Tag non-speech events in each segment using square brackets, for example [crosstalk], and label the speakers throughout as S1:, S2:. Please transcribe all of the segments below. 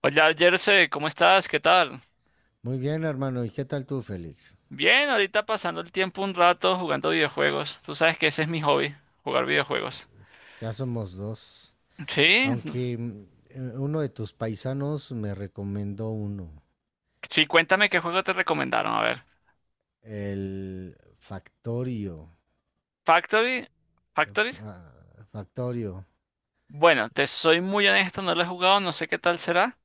S1: Hola, Jersey, ¿cómo estás? ¿Qué tal?
S2: Muy bien, hermano. ¿Y qué tal tú, Félix?
S1: Bien, ahorita pasando el tiempo un rato jugando videojuegos. Tú sabes que ese es mi hobby, jugar videojuegos.
S2: Ya somos dos.
S1: Sí,
S2: Aunque uno de tus paisanos me recomendó uno.
S1: sí, cuéntame qué juego te recomendaron. A ver,
S2: El Factorio.
S1: Factory,
S2: eh,
S1: Factory.
S2: Fa- Factorio.
S1: Bueno, te soy muy honesto, no lo he jugado, no sé qué tal será.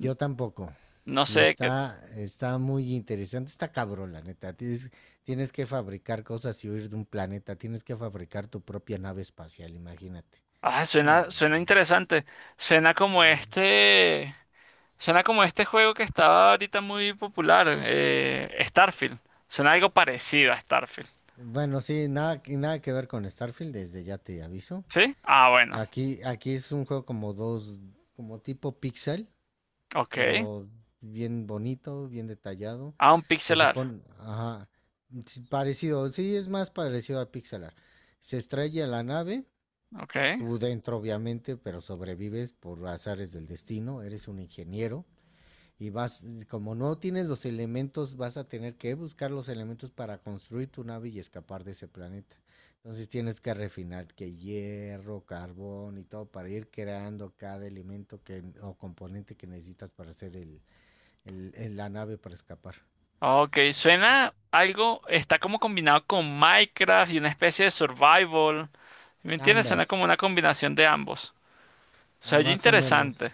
S2: Yo tampoco.
S1: No
S2: Y
S1: sé qué.
S2: está muy interesante. Está cabrón, la neta. Tienes que fabricar cosas y huir de un planeta. Tienes que fabricar tu propia nave espacial, imagínate.
S1: Ah,
S2: No
S1: suena
S2: manches.
S1: interesante. Suena como
S2: Eh,
S1: este, Suena como este juego que estaba ahorita muy popular, Starfield. Suena algo parecido a Starfield.
S2: Bueno, sí, nada, nada que ver con Starfield, desde ya te aviso.
S1: ¿Sí? Ah, bueno,
S2: Aquí es un juego como dos, como tipo pixel,
S1: ok.
S2: pero bien bonito, bien detallado.
S1: Ah, un
S2: Se
S1: pixelar.
S2: supone, ajá, sí, parecido, sí, es más parecido a Pixelar. Se estrella la nave,
S1: Ok.
S2: tú dentro obviamente, pero sobrevives por azares del destino, eres un ingeniero y vas, como no tienes los elementos, vas a tener que buscar los elementos para construir tu nave y escapar de ese planeta. Entonces tienes que refinar que hierro, carbón y todo para ir creando cada elemento que, o componente que necesitas para hacer la nave para escapar.
S1: Ok, suena algo, está como combinado con Minecraft y una especie de survival. ¿Sí? ¿Me entiendes? Suena como
S2: Andas,
S1: una combinación de ambos. O sea,
S2: ah,
S1: oye,
S2: más o menos.
S1: interesante.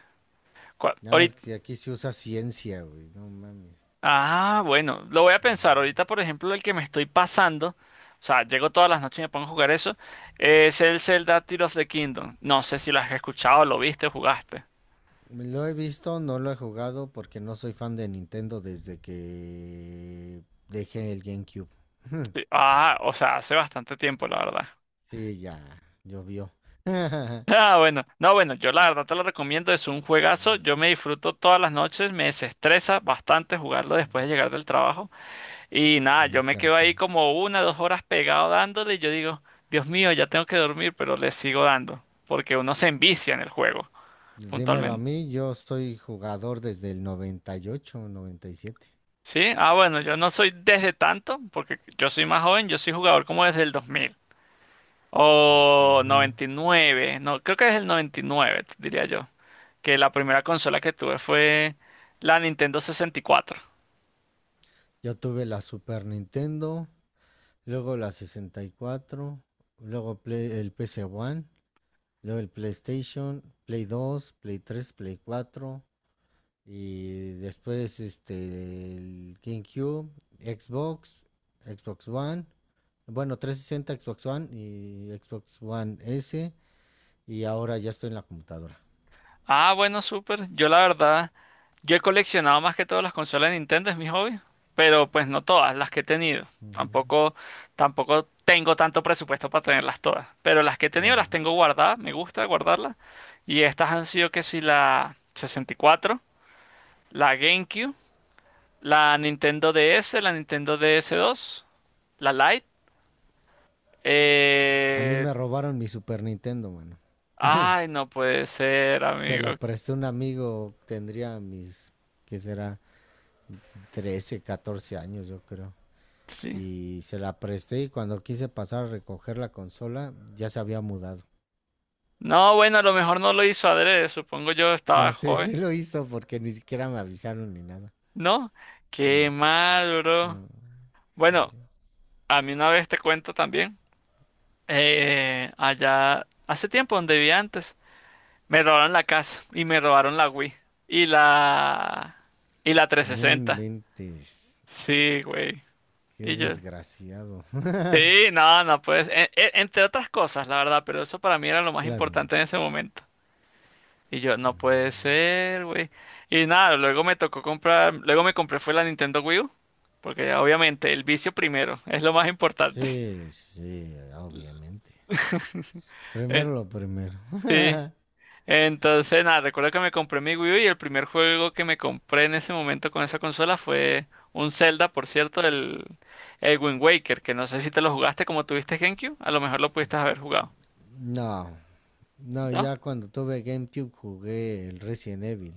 S2: Nada más
S1: Ahorita,
S2: que aquí se usa ciencia, güey, no mames.
S1: ah, bueno, lo voy a pensar.
S2: Ujú.
S1: Ahorita, por ejemplo, el que me estoy pasando, o sea, llego todas las noches y me pongo a jugar eso, es el Zelda Tears of the Kingdom. No sé si lo has escuchado, lo viste, jugaste.
S2: Lo he visto, no lo he jugado porque no soy fan de Nintendo desde que dejé el GameCube. [laughs]
S1: Sí. Ah, o sea, hace bastante tiempo, la verdad.
S2: Sí, ya, llovió. [laughs]
S1: Ah, bueno, no, bueno, yo la verdad te lo recomiendo, es un juegazo, yo me disfruto todas las noches, me desestresa bastante jugarlo después de llegar del trabajo y nada, yo me
S2: Qué
S1: quedo
S2: rico.
S1: ahí como una, dos horas pegado dándole y yo digo, Dios mío, ya tengo que dormir, pero le sigo dando, porque uno se envicia en el juego,
S2: Dímelo a
S1: puntualmente.
S2: mí, yo soy jugador desde el 98, 97.
S1: ¿Sí? Ah, bueno, yo no soy desde tanto, porque yo soy más joven, yo soy jugador como desde el 2000 o
S2: Ujú.
S1: 99, no, creo que es el 99, diría yo. Que la primera consola que tuve fue la Nintendo 64.
S2: Yo tuve la Super Nintendo, luego la 64, luego el PC One, luego el PlayStation, Play 2, Play 3, Play 4, y después este el GameCube, Xbox, Xbox One, bueno, 360, Xbox One y Xbox One S, y ahora ya estoy en la computadora.
S1: Ah, bueno, súper. Yo la verdad, yo he coleccionado más que todas las consolas de Nintendo, es mi hobby, pero pues no todas las que he tenido.
S2: Ujú.
S1: Tampoco, tampoco tengo tanto presupuesto para tenerlas todas, pero las que he tenido las
S2: Claro.
S1: tengo guardadas, me gusta guardarlas. Y estas han sido que si la 64, la GameCube, la Nintendo DS, la Nintendo DS2, la Lite.
S2: A mí
S1: Eh...
S2: me robaron mi Super Nintendo, mano.
S1: Ay, no puede ser,
S2: Se
S1: amigo.
S2: lo presté a un amigo, tendría mis, ¿qué será? 13, 14 años, yo creo.
S1: Sí.
S2: Y se la presté y cuando quise pasar a recoger la consola, ya se había mudado.
S1: No, bueno, a lo mejor no lo hizo adrede, supongo yo
S2: No
S1: estaba
S2: sé [laughs] si
S1: joven.
S2: lo hizo porque ni siquiera me avisaron ni nada.
S1: No, qué
S2: No,
S1: mal, bro.
S2: no, sí.
S1: Bueno, a mí una vez te cuento también, allá hace tiempo donde vivía antes, me robaron la casa y me robaron la Wii y la y la
S2: No
S1: 360.
S2: inventes.
S1: Sí, güey.
S2: Qué
S1: Y yo,
S2: desgraciado. [laughs]
S1: sí, no, no puedes, entre otras cosas, la verdad, pero eso para mí era lo más
S2: Claro.
S1: importante en ese momento. Y yo, no puede ser, güey. Y nada, luego me tocó comprar, luego me compré fue la Nintendo Wii U, porque obviamente el vicio primero [laughs] es lo más importante. [laughs]
S2: Sí, sí, sí, obviamente.
S1: Eh,
S2: Primero lo primero.
S1: sí.
S2: [laughs]
S1: Entonces, nada, recuerdo que me compré mi Wii U y el primer juego que me compré en ese momento con esa consola fue un Zelda, por cierto, el Wind Waker, que no sé si te lo jugaste como tuviste GameCube, a lo mejor lo pudiste haber jugado,
S2: No, no,
S1: ¿no?
S2: ya cuando tuve GameCube jugué el Resident Evil.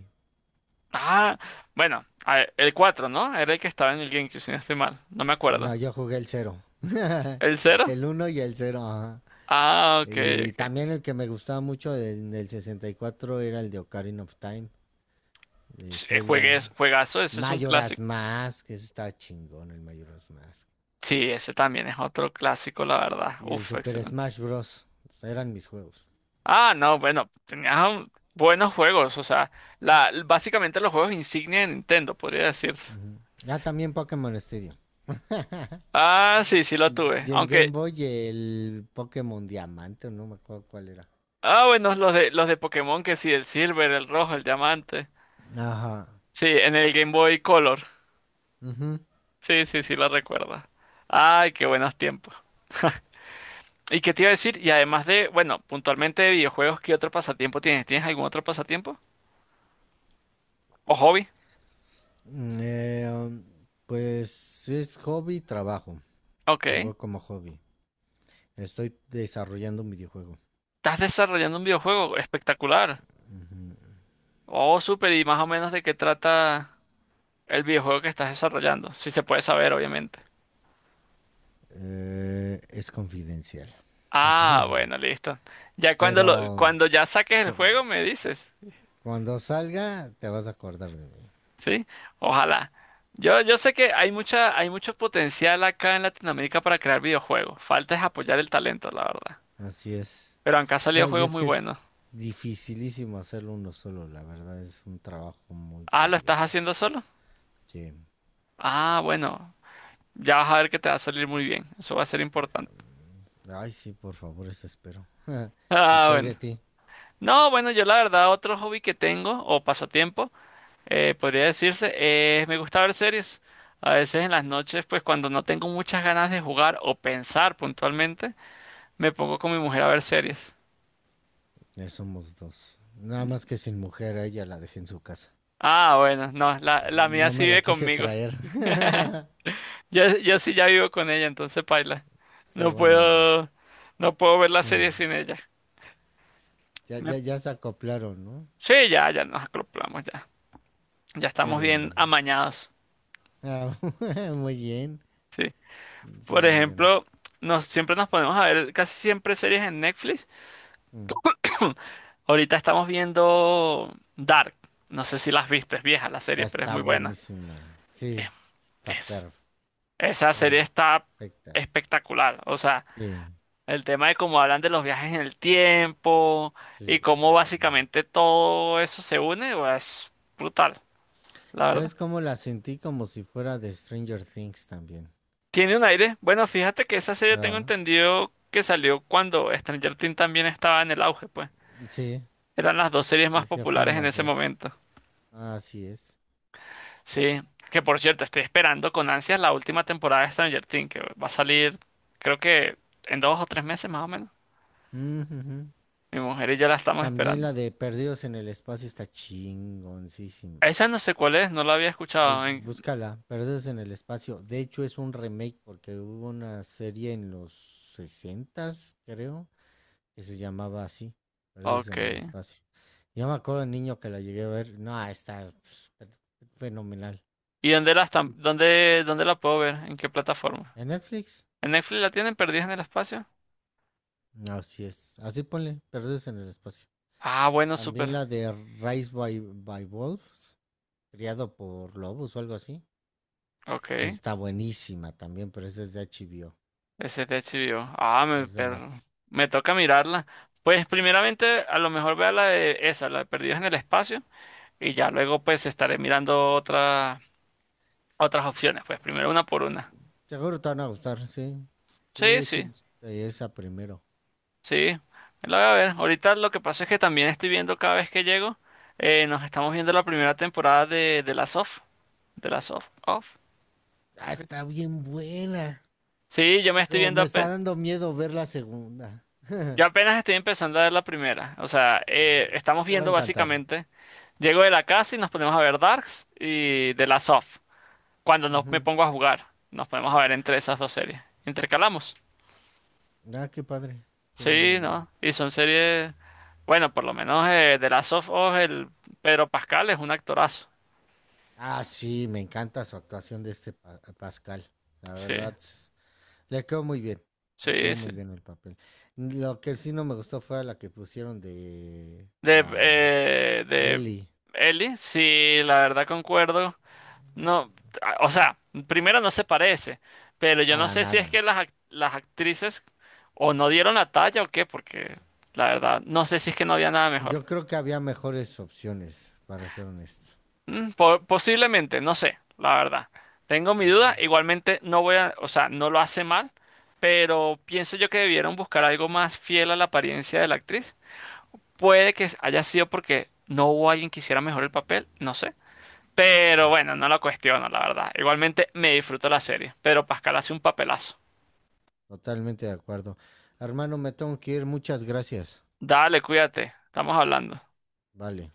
S1: Ah, bueno, a ver, el cuatro, ¿no? Era el que estaba en el GameCube, si no estoy mal, no me acuerdo.
S2: No, yo jugué el cero, [laughs]
S1: ¿El cero?
S2: el uno y el 0.
S1: Ah, ok,
S2: Y
S1: ok.
S2: también el que me gustaba mucho del 64 era el de Ocarina of Time, de
S1: Sí.
S2: Zelda.
S1: Juegazo, ese es un
S2: Majoras
S1: clásico.
S2: Mask, que está chingón el Majoras Mask.
S1: Sí, ese también es otro clásico, la verdad.
S2: Y el
S1: Uf,
S2: Super
S1: excelente.
S2: Smash Bros. Eran mis juegos.
S1: Ah, no, bueno, buenos juegos, o sea, básicamente los juegos insignia de Nintendo, podría decirse.
S2: Ujú. Ah, también Pokémon Stadium.
S1: Ah, sí, sí lo tuve.
S2: Y en Game
S1: Aunque,
S2: Boy el Pokémon Diamante, no me acuerdo cuál era.
S1: ah, bueno, los de Pokémon, que sí, el Silver, el Rojo, el Diamante.
S2: Ajá.
S1: Sí, en el Game Boy Color.
S2: Ujú.
S1: Sí, sí, sí lo recuerdo. Ay, qué buenos tiempos. ¿Y qué te iba a decir? Y además de, bueno, puntualmente de videojuegos, ¿qué otro pasatiempo tienes? ¿Tienes algún otro pasatiempo? ¿O hobby?
S2: Mm, eh, um, pues es hobby y trabajo. Lo
S1: Ok.
S2: veo como hobby. Estoy desarrollando un videojuego.
S1: Estás desarrollando un videojuego espectacular. Oh, súper. ¿Y más o menos de qué trata el videojuego que estás desarrollando? Si se puede saber, obviamente.
S2: Es confidencial.
S1: Ah, bueno, listo. Ya cuando lo,
S2: Pero
S1: cuando ya saques el
S2: cu-
S1: juego me dices,
S2: cuando salga te vas a acordar de mí.
S1: ¿sí? Ojalá. Yo sé que hay mucho potencial acá en Latinoamérica para crear videojuegos. Falta es apoyar el talento, la verdad.
S2: Así es.
S1: Pero han
S2: No,
S1: salido
S2: y
S1: juegos
S2: es
S1: muy
S2: que es
S1: buenos.
S2: dificilísimo hacerlo uno solo, la verdad es un trabajo muy
S1: Ah, ¿lo estás
S2: tedioso.
S1: haciendo solo?
S2: Sí.
S1: Ah, bueno. Ya vas a ver que te va a salir muy bien. Eso va a ser importante. [laughs]
S2: Ay, sí, por favor, eso espero. [laughs] ¿Y
S1: Ah,
S2: qué hay
S1: bueno.
S2: de ti?
S1: No, bueno, yo la verdad, otro hobby que tengo, o pasatiempo, podría decirse, es me gusta ver series. A veces en las noches, pues cuando no tengo muchas ganas de jugar o pensar puntualmente, me pongo con mi mujer a ver series.
S2: Ya somos dos. Nada más que sin mujer, a ella la dejé en su casa.
S1: Ah, bueno, no, la mía
S2: No
S1: sí
S2: me la
S1: vive
S2: quise
S1: conmigo.
S2: traer.
S1: [laughs]
S2: [laughs]
S1: Yo sí ya vivo con ella, entonces paila.
S2: Qué
S1: No
S2: buena onda.
S1: puedo, no puedo ver la
S2: Mm.
S1: serie sin ella.
S2: Ya, ya, ya se acoplaron, ¿no?
S1: Sí, ya, ya nos acoplamos, ya. Ya
S2: Qué
S1: estamos bien
S2: lindo.
S1: amañados.
S2: Ah, [laughs] muy bien.
S1: Sí.
S2: Sí,
S1: Por
S2: no, yo no.
S1: ejemplo, siempre nos ponemos a ver casi siempre series en Netflix.
S2: Mm.
S1: [coughs] [clears throat] Ahorita estamos viendo Dark. No sé si las viste, es vieja la
S2: Ah,
S1: serie, pero es
S2: está
S1: muy buena.
S2: buenísima.
S1: Eh,
S2: Sí, está
S1: Es,
S2: per-
S1: esa serie está
S2: perfecta.
S1: espectacular. O sea,
S2: Sí,
S1: el tema de cómo hablan de los viajes en el tiempo
S2: sí.
S1: y cómo básicamente todo eso se une, pues, es brutal, la verdad.
S2: ¿Sabes cómo la sentí? Como si fuera de Stranger Things también.
S1: Tiene un aire. Bueno, fíjate que esa serie tengo
S2: Ah,
S1: entendido que salió cuando Stranger Things también estaba en el auge, pues.
S2: sí,
S1: Eran las dos series más
S2: sí, sí,
S1: populares
S2: fueron
S1: en
S2: las
S1: ese
S2: dos.
S1: momento.
S2: Así es.
S1: Sí, que por cierto, estoy esperando con ansias la última temporada de Stranger Things, que va a salir creo que en dos o tres meses más o menos.
S2: Ujú, ujú.
S1: Mi mujer y yo la estamos
S2: También
S1: esperando.
S2: la de Perdidos en el Espacio está chingoncísima.
S1: Esa no sé cuál es, no la había escuchado. En...
S2: Búscala, Perdidos en el Espacio. De hecho, es un remake porque hubo una serie en los 60, creo, que se llamaba así, Perdidos
S1: Ok.
S2: en el Espacio. Yo me acuerdo de niño que la llegué a ver. No, está fenomenal.
S1: ¿Y dónde la están?
S2: Sí.
S1: ¿Dónde la puedo ver? ¿En qué plataforma?
S2: ¿En Netflix?
S1: ¿En Netflix la tienen perdida en el espacio?
S2: Así es. Así ponle, Perdidos en el Espacio.
S1: Ah, bueno,
S2: También
S1: súper.
S2: la de Rise by Wolves, criado por lobos o algo así.
S1: Ok.
S2: Está buenísima también, pero esa es de HBO,
S1: Ese es de HBO.
S2: es de Max.
S1: Me toca mirarla. Pues primeramente a lo mejor vea la de esa, la de Perdidos en el Espacio, y ya luego pues estaré mirando otras opciones, pues primero una por una.
S2: Seguro te van a gustar, sí. Sí,
S1: Sí, sí,
S2: échate esa primero.
S1: sí. La voy a ver. Ahorita lo que pasa es que también estoy viendo cada vez que llego, nos estamos viendo la primera temporada de la Soft. De la Soft. Off.
S2: Ah, está bien buena,
S1: Sí, yo me estoy
S2: pero
S1: viendo.
S2: me está dando miedo ver la segunda. [laughs]
S1: Yo apenas estoy empezando a ver la primera. O sea, estamos
S2: Te va a
S1: viendo
S2: encantar.
S1: básicamente. Llego de la casa y nos ponemos a ver Darks y The Last of. Cuando no me
S2: Ujú.
S1: pongo a jugar, nos ponemos a ver entre esas dos series. Intercalamos.
S2: Ah, qué padre, qué buena
S1: Sí,
S2: onda.
S1: ¿no? Y son series. Bueno, por lo menos The Last of Us, el Pedro Pascal es un actorazo.
S2: Ah, sí, me encanta su actuación de este Pascal. La
S1: Sí,
S2: verdad, le quedó muy bien. Le quedó
S1: sí, sí.
S2: muy bien el papel. Lo que sí no me gustó fue la que pusieron de
S1: De,
S2: la
S1: eh, de
S2: Ellie.
S1: Ellie, sí, la verdad concuerdo. No, o sea, primero no se parece, pero yo no
S2: Para
S1: sé si es
S2: nada.
S1: que las actrices o no dieron la talla o qué, porque la verdad, no sé si es que no había nada mejor.
S2: Yo creo que había mejores opciones, para ser honesto.
S1: Mm, posiblemente, no sé, la verdad. Tengo mi duda,
S2: Ujú.
S1: igualmente no voy a, o sea, no lo hace mal, pero pienso yo que debieron buscar algo más fiel a la apariencia de la actriz. Puede que haya sido porque no hubo alguien que hiciera mejor el papel, no sé. Pero bueno, no lo cuestiono, la verdad. Igualmente me disfruto la serie. Pedro Pascal hace un papelazo.
S2: Totalmente de acuerdo. Hermano, me tengo que ir. Muchas gracias.
S1: Dale, cuídate. Estamos hablando.
S2: Vale.